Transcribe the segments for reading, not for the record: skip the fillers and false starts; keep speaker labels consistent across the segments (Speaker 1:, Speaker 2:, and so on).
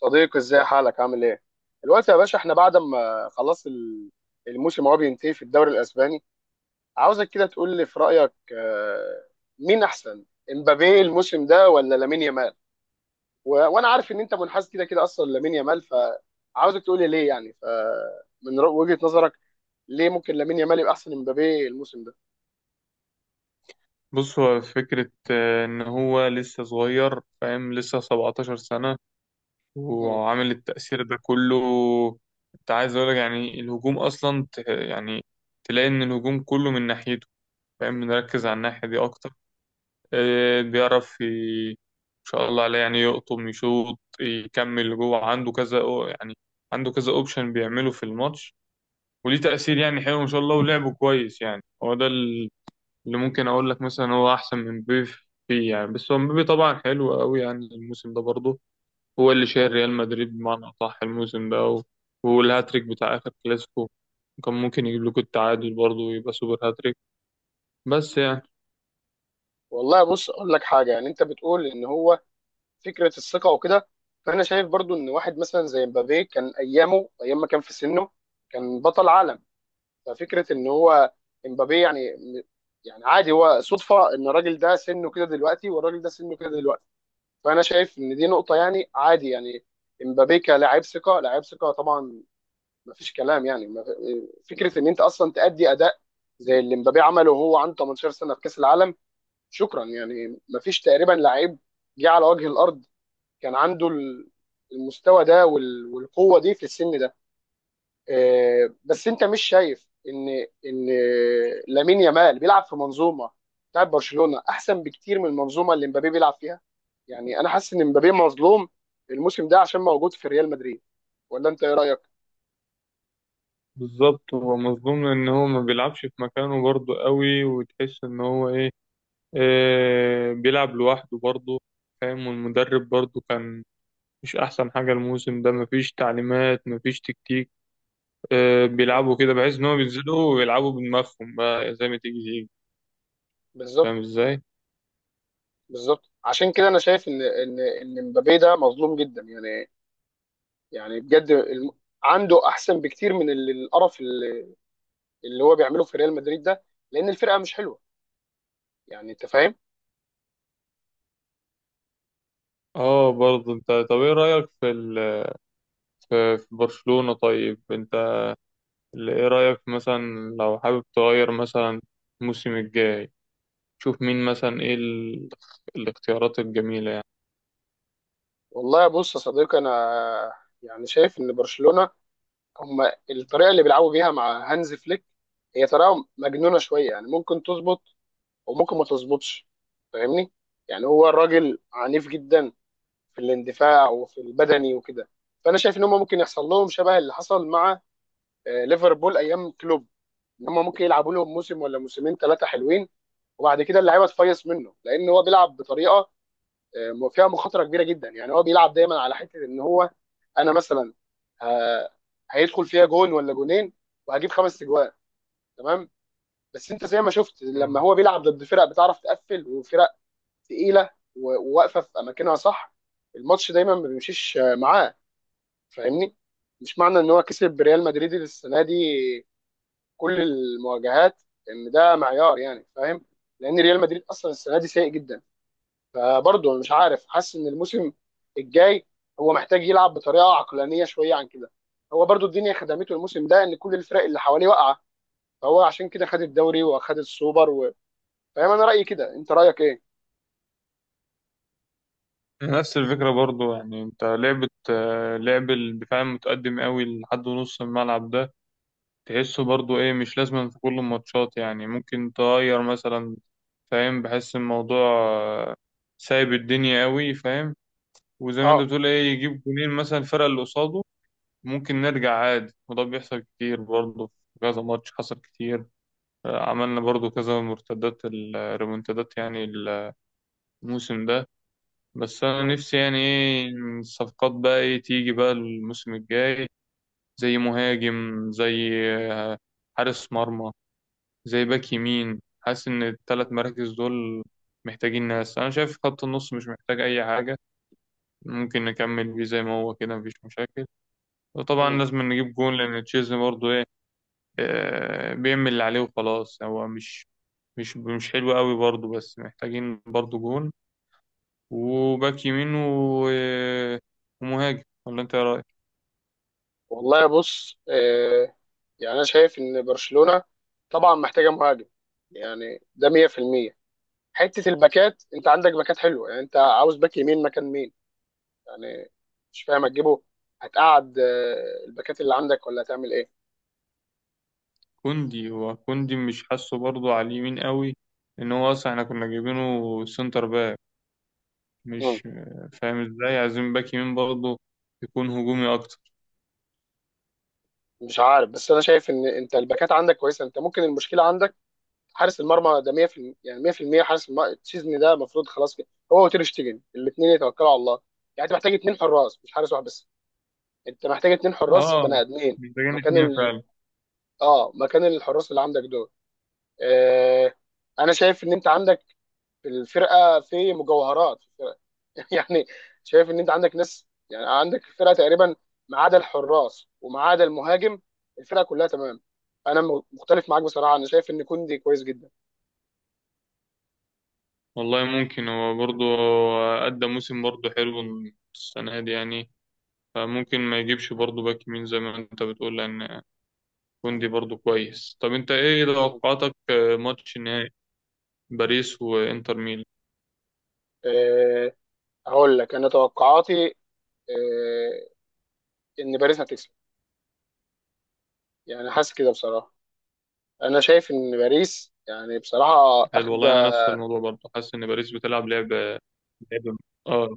Speaker 1: صديقي، ازاي حالك؟ عامل ايه؟ دلوقتي يا باشا، احنا بعد ما خلاص الموسم هو بينتهي في الدوري الاسباني. عاوزك كده تقول لي في رايك، مين احسن، امبابي الموسم ده ولا لامين يامال؟ وانا عارف ان انت منحاز كده كده اصلا لامين يامال، فعاوزك تقول لي ليه يعني. فمن وجهة نظرك، ليه ممكن لامين يامال يبقى احسن من امبابي الموسم ده؟
Speaker 2: بص، هو فكرة إن هو لسه صغير، فاهم؟ لسه 17 سنة
Speaker 1: مم.
Speaker 2: وعامل التأثير ده كله. أنت عايز أقولك يعني الهجوم أصلا يعني تلاقي إن الهجوم كله من ناحيته، فاهم؟ بنركز على
Speaker 1: مم.
Speaker 2: الناحية دي أكتر. بيعرف إن شاء الله عليه، يعني يقطم، يشوط، يكمل جوه، عنده كذا يعني عنده كذا أوبشن بيعمله في الماتش، وليه تأثير يعني حلو إن شاء الله، ولعبه كويس. يعني هو ده اللي ممكن اقول لك مثلا هو احسن من مبابي فيه، يعني. بس هو مبابي طبعا حلو قوي يعني الموسم ده برضه، هو اللي شايل
Speaker 1: مم.
Speaker 2: ريال مدريد بمعنى اصح الموسم ده، والهاتريك بتاع اخر كلاسيكو كان ممكن يجيب لكم التعادل برضه ويبقى سوبر هاتريك، بس يعني.
Speaker 1: والله بص، اقول لك حاجه. يعني انت بتقول ان هو فكره الثقه وكده، فانا شايف برضو ان واحد مثلا زي مبابي كان ايامه ايام ما كان في سنه كان بطل عالم. ففكره ان هو مبابي يعني، يعني عادي. هو صدفه ان الراجل ده سنه كده دلوقتي والراجل ده سنه كده دلوقتي. فانا شايف ان دي نقطه يعني عادي يعني. مبابي كلاعب ثقه، لاعب ثقه طبعا، ما فيش كلام. يعني ما في- فكره ان انت اصلا تأدي اداء زي اللي مبابي عمله وهو عنده 18 سنه في كاس العالم، شكرا. يعني ما فيش تقريبا لعيب جه على وجه الارض كان عنده المستوى ده والقوه دي في السن ده. بس انت مش شايف ان ان لامين يامال بيلعب في منظومه بتاعت برشلونه احسن بكتير من المنظومه اللي مبابي بيلعب فيها؟ يعني انا حاسس ان مبابي مظلوم الموسم ده عشان موجود في ريال مدريد، ولا انت ايه رايك؟
Speaker 2: بالظبط، هو مظلوم، ان هو ما بيلعبش في مكانه برضه قوي، وتحس ان هو ايه، آه، بيلعب لوحده برضه، فاهم؟ والمدرب برضه كان مش احسن حاجة الموسم ده، مفيش تعليمات مفيش تكتيك.
Speaker 1: مم.
Speaker 2: بيلعبوا كده بحيث ان هم بينزلوا ويلعبوا بدماغهم بقى زي ما تيجي تيجي، فاهم
Speaker 1: بالظبط.
Speaker 2: ازاي؟
Speaker 1: بالظبط، عشان كده انا شايف ان مبابي ده مظلوم جدا يعني. يعني بجد عنده احسن بكتير من القرف اللي هو بيعمله في ريال مدريد ده، لان الفرقه مش حلوه. يعني انت فاهم.
Speaker 2: اه برضه انت، طب ايه رايك في في برشلونة؟ طيب انت، ايه رايك مثلا لو حابب تغير مثلا الموسم الجاي؟ شوف مين مثلا، ايه الاختيارات الجميلة، يعني.
Speaker 1: والله بص يا صديقي، انا يعني شايف ان برشلونه، هم الطريقه اللي بيلعبوا بيها مع هانز فليك، هي طريقه مجنونه شويه. يعني ممكن تظبط وممكن ما تظبطش، فاهمني. يعني هو الراجل عنيف جدا في الاندفاع وفي البدني وكده. فانا شايف ان هم ممكن يحصل لهم شبه اللي حصل مع ليفربول ايام كلوب. ان هم ممكن يلعبوا لهم موسم ولا موسمين ثلاثه حلوين، وبعد كده اللعيبه تفيص منه، لان هو بيلعب بطريقه فيها مخاطره كبيره جدا. يعني هو بيلعب دايما على حته ان هو، انا مثلا، ه- هيدخل فيها جون ولا جونين وهجيب خمس اجوان، تمام. بس انت زي ما شفت، لما
Speaker 2: مم.
Speaker 1: هو بيلعب ضد فرق بتعرف تقفل وفرق تقيله وواقفه في اماكنها، صح، الماتش دايما ما بيمشيش معاه، فاهمني. مش معنى ان هو كسب ريال مدريد السنه دي كل المواجهات ان ده معيار، يعني فاهم. لان ريال مدريد اصلا السنه دي سيء جدا. فبرضه مش عارف، حاسس ان الموسم الجاي هو محتاج يلعب بطريقه عقلانيه شويه عن كده. هو برضه الدنيا خدمته الموسم ده ان كل الفرق اللي حواليه واقعه، فهو عشان كده خد الدوري واخد السوبر فاهم. انا رايي كده، انت رايك ايه؟
Speaker 2: نفس الفكرة برضو، يعني انت لعبة لعب الدفاع المتقدم قوي لحد نص الملعب ده، تحسه برضو ايه، مش لازم في كل الماتشات، يعني ممكن تغير مثلا، فاهم؟ بحس الموضوع آه، سايب الدنيا قوي، فاهم؟ وزي ما انت
Speaker 1: اه.
Speaker 2: بتقول ايه، يجيب جونين مثلا الفرقة اللي قصاده، ممكن نرجع عادي. وده بيحصل كتير برضو، في كذا ماتش حصل كتير، عملنا برضو كذا مرتدات، الريمونتادات يعني الموسم ده. بس انا
Speaker 1: مم.
Speaker 2: نفسي يعني ايه الصفقات بقى، ايه تيجي بقى الموسم الجاي، زي مهاجم، زي آه، حارس مرمى، زي باك يمين. حاسس ان
Speaker 1: مم.
Speaker 2: الثلاث مراكز دول محتاجين ناس. انا شايف خط النص مش محتاج اي حاجه، ممكن نكمل بيه زي ما هو كده، مفيش مشاكل. وطبعا
Speaker 1: مم.
Speaker 2: لازم نجيب جون، لان تشيزني برضه ايه، بيعمل اللي عليه وخلاص، هو مش حلو قوي برضه. بس محتاجين برضه جون وباك يمين ومهاجم. ولا انت ايه رايك؟
Speaker 1: والله بص، يعني انا شايف ان برشلونه طبعا محتاجه مهاجم، يعني ده 100%. حته الباكات، انت عندك باكات حلوه، يعني انت عاوز باك يمين مكان مين؟ يعني مش فاهم هتجيبه. هتقعد الباكات اللي عندك، ولا هتعمل ايه؟
Speaker 2: كوندي، هو كوندي مش حاسه برضه على اليمين قوي، ان هو اصلا احنا كنا جايبينه سنتر باك،
Speaker 1: مم.
Speaker 2: مش فاهم ازاي. عايزين باك يمين برضه، يكون هجومي اكتر.
Speaker 1: مش عارف، بس انا شايف ان انت الباكات عندك كويسه. انت ممكن المشكله عندك حارس المرمى، ده 100%، يعني 100% حارس المرمى السيزون ده المفروض خلاص كده هو وتير شتيجن الاثنين يتوكلوا على الله. يعني انت محتاج اثنين حراس، مش حارس واحد بس. انت محتاج اثنين حراس
Speaker 2: اه
Speaker 1: بني ادمين
Speaker 2: محتاجين
Speaker 1: مكان
Speaker 2: اتنين فعلا.
Speaker 1: اه، مكان الحراس اللي عندك دول. آه... انا شايف ان انت عندك الفرقه، في مجوهرات في الفرقه يعني شايف ان انت عندك ناس، يعني عندك الفرقه تقريبا، ما عدا الحراس وما عدا المهاجم، الفرقه كلها تمام. انا مختلف معاك بصراحه، انا شايف ان كوندي كويس جدا.
Speaker 2: والله ممكن، هو برضه أدى موسم برضه حلو السنة دي، يعني فممكن ما يجيبش برضه باك يمين زي ما انت بتقول، لأن كوندي برضه كويس. طب انت ايه
Speaker 1: مم.
Speaker 2: توقعاتك، ماتش نهائي باريس وانتر ميلان؟
Speaker 1: آه، اقول لك انا توقعاتي. آه، ان باريس هتكسب. يعني حاسس كده بصراحه، انا شايف ان باريس يعني بصراحه
Speaker 2: حلو
Speaker 1: اخد.
Speaker 2: والله، انا نفس الموضوع برضه، حاسس ان باريس بتلعب لعبة، لعبة، اه،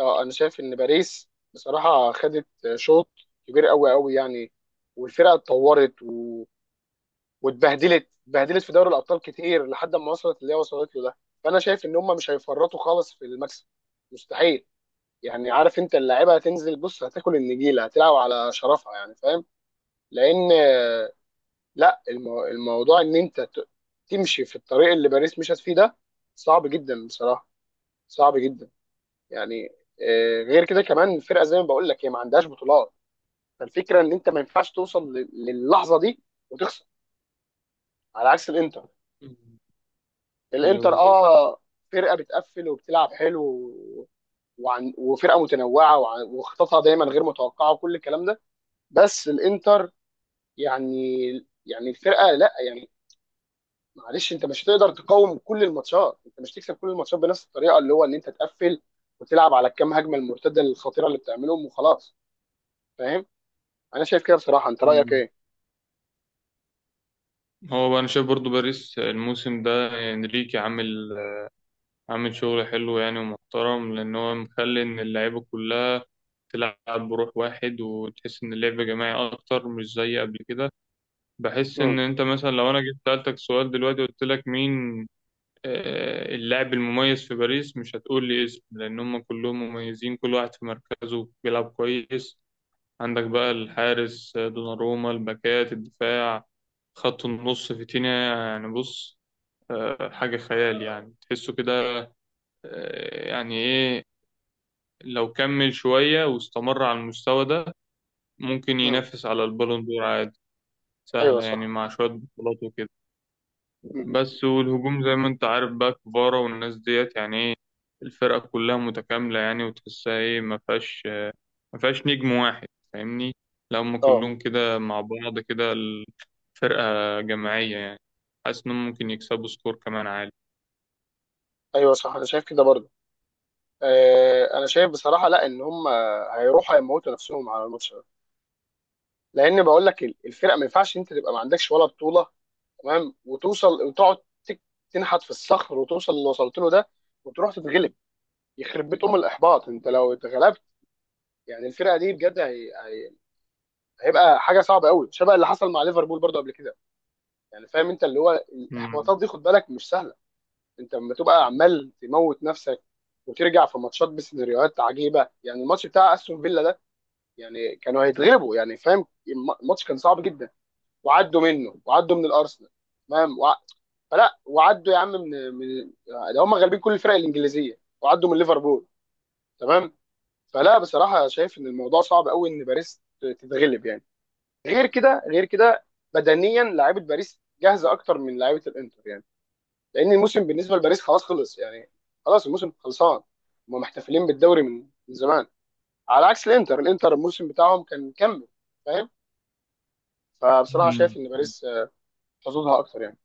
Speaker 1: اه، انا شايف ان باريس بصراحه خدت شوط كبير قوي قوي يعني، والفرقه اتطورت واتبهدلت اتبهدلت في دوري الابطال كتير لحد ما وصلت اللي هي وصلت له ده. فانا شايف ان هم مش هيفرطوا خالص في المكسب، مستحيل. يعني عارف انت اللاعيبه هتنزل، بص هتاكل النجيله، هتلعب على شرفها، يعني فاهم. لان لا الموضوع ان انت تمشي في الطريق اللي باريس مشت فيه ده صعب جدا بصراحه، صعب جدا يعني. غير كده كمان الفرقه زي ما بقول لك هي ما عندهاش بطولات. فالفكره ان انت ما ينفعش توصل للحظه دي وتخسر. على عكس الانتر،
Speaker 2: ايوه
Speaker 1: الانتر
Speaker 2: بالظبط.
Speaker 1: اه فرقه بتقفل وبتلعب حلو وعن وفرقه متنوعه وخططها دايما غير متوقعه، وكل الكلام ده. بس الانتر يعني، يعني الفرقه لا يعني معلش، انت مش هتقدر تقاوم كل الماتشات. انت مش تكسب كل الماتشات بنفس الطريقه اللي هو ان انت تقفل وتلعب على الكام هجمه المرتده الخطيره اللي بتعملهم وخلاص، فاهم. انا شايف كده بصراحه. انت رايك ايه؟
Speaker 2: هو بقى انا شايف برضو باريس الموسم ده، انريكي عامل، عامل شغل حلو يعني ومحترم، لان هو مخلي ان اللعيبه كلها تلعب بروح واحد، وتحس ان اللعب جماعي اكتر مش زي قبل كده. بحس ان
Speaker 1: امم.
Speaker 2: انت مثلا لو انا جيت سالتك سؤال دلوقتي، قلت لك مين اللاعب المميز في باريس، مش هتقول لي اسم، لان هم كلهم مميزين، كل واحد في مركزه بيلعب كويس. عندك بقى الحارس آه، دوناروما، الباكات، الدفاع، خط النص فيتينيا، يعني بص، حاجة خيال يعني، تحسه كده يعني إيه، لو كمل شوية واستمر على المستوى ده، ممكن
Speaker 1: امم.
Speaker 2: ينافس على البالون دور عادي،
Speaker 1: ايوه
Speaker 2: سهلة يعني،
Speaker 1: صح.
Speaker 2: مع شوية بطولات وكده.
Speaker 1: مم.
Speaker 2: بس والهجوم زي ما أنت عارف بقى، كفارا والناس ديت، يعني إيه، الفرقة كلها متكاملة يعني، وتحسها إيه ما فيهاش، ما فيهاش نجم واحد، فاهمني؟ لو هم
Speaker 1: اه.
Speaker 2: كلهم كده مع بعض كده، الفرقة جماعية يعني، حاسس إنهم ممكن يكسبوا سكور كمان عالي.
Speaker 1: ايوه صح، انا شايف كده برضه. انا شايف بصراحه، لا ان هم هيروحوا هيموتوا نفسهم على الماتش ده. لان بقول لك الفرقه ما ينفعش انت تبقى ما عندكش ولا بطوله، تمام، وتوصل وتقعد تك- تنحت في الصخر وتوصل اللي وصلت له ده وتروح تتغلب. يخرب بيت ام الاحباط انت لو اتغلبت. يعني الفرقه دي بجد هيبقى حاجه صعبه قوي شبه اللي حصل مع ليفربول برضه قبل كده، يعني فاهم انت. اللي هو
Speaker 2: مم.
Speaker 1: الاحباطات دي خد بالك مش سهله. انت لما تبقى عمال تموت نفسك وترجع في ماتشات بسيناريوهات عجيبه، يعني الماتش بتاع استون فيلا يعني كانوا هيتغلبوا، يعني فاهم الماتش كان صعب جدا وعدوا منه، وعدوا من الارسنال، تمام، فلا وعدوا يا عم من، ده هم غالبين كل الفرق الانجليزيه، وعدوا من ليفربول، تمام. فلا بصراحه شايف ان الموضوع صعب قوي ان باريس تتغلب يعني. غير كده، غير كده بدنيا لعيبه باريس جاهزه اكتر من لعيبه الانتر يعني، لان الموسم بالنسبه لباريس خلاص خلص يعني. خلاص الموسم خلصان، هم محتفلين بالدوري من زمان، على عكس الانتر. الانتر الموسم بتاعهم كان مكمل، فاهم. فبصراحه
Speaker 2: مم.
Speaker 1: شايف ان باريس حظوظها اكتر يعني.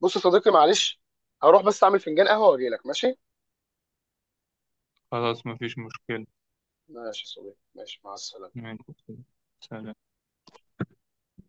Speaker 1: بص يا صديقي، معلش، هروح بس اعمل فنجان قهوه واجي لك، ماشي؟
Speaker 2: خلاص مفيش مشكلة.
Speaker 1: ماشي يا صديقي، ماشي، مع السلامه.
Speaker 2: ماشي، سلام.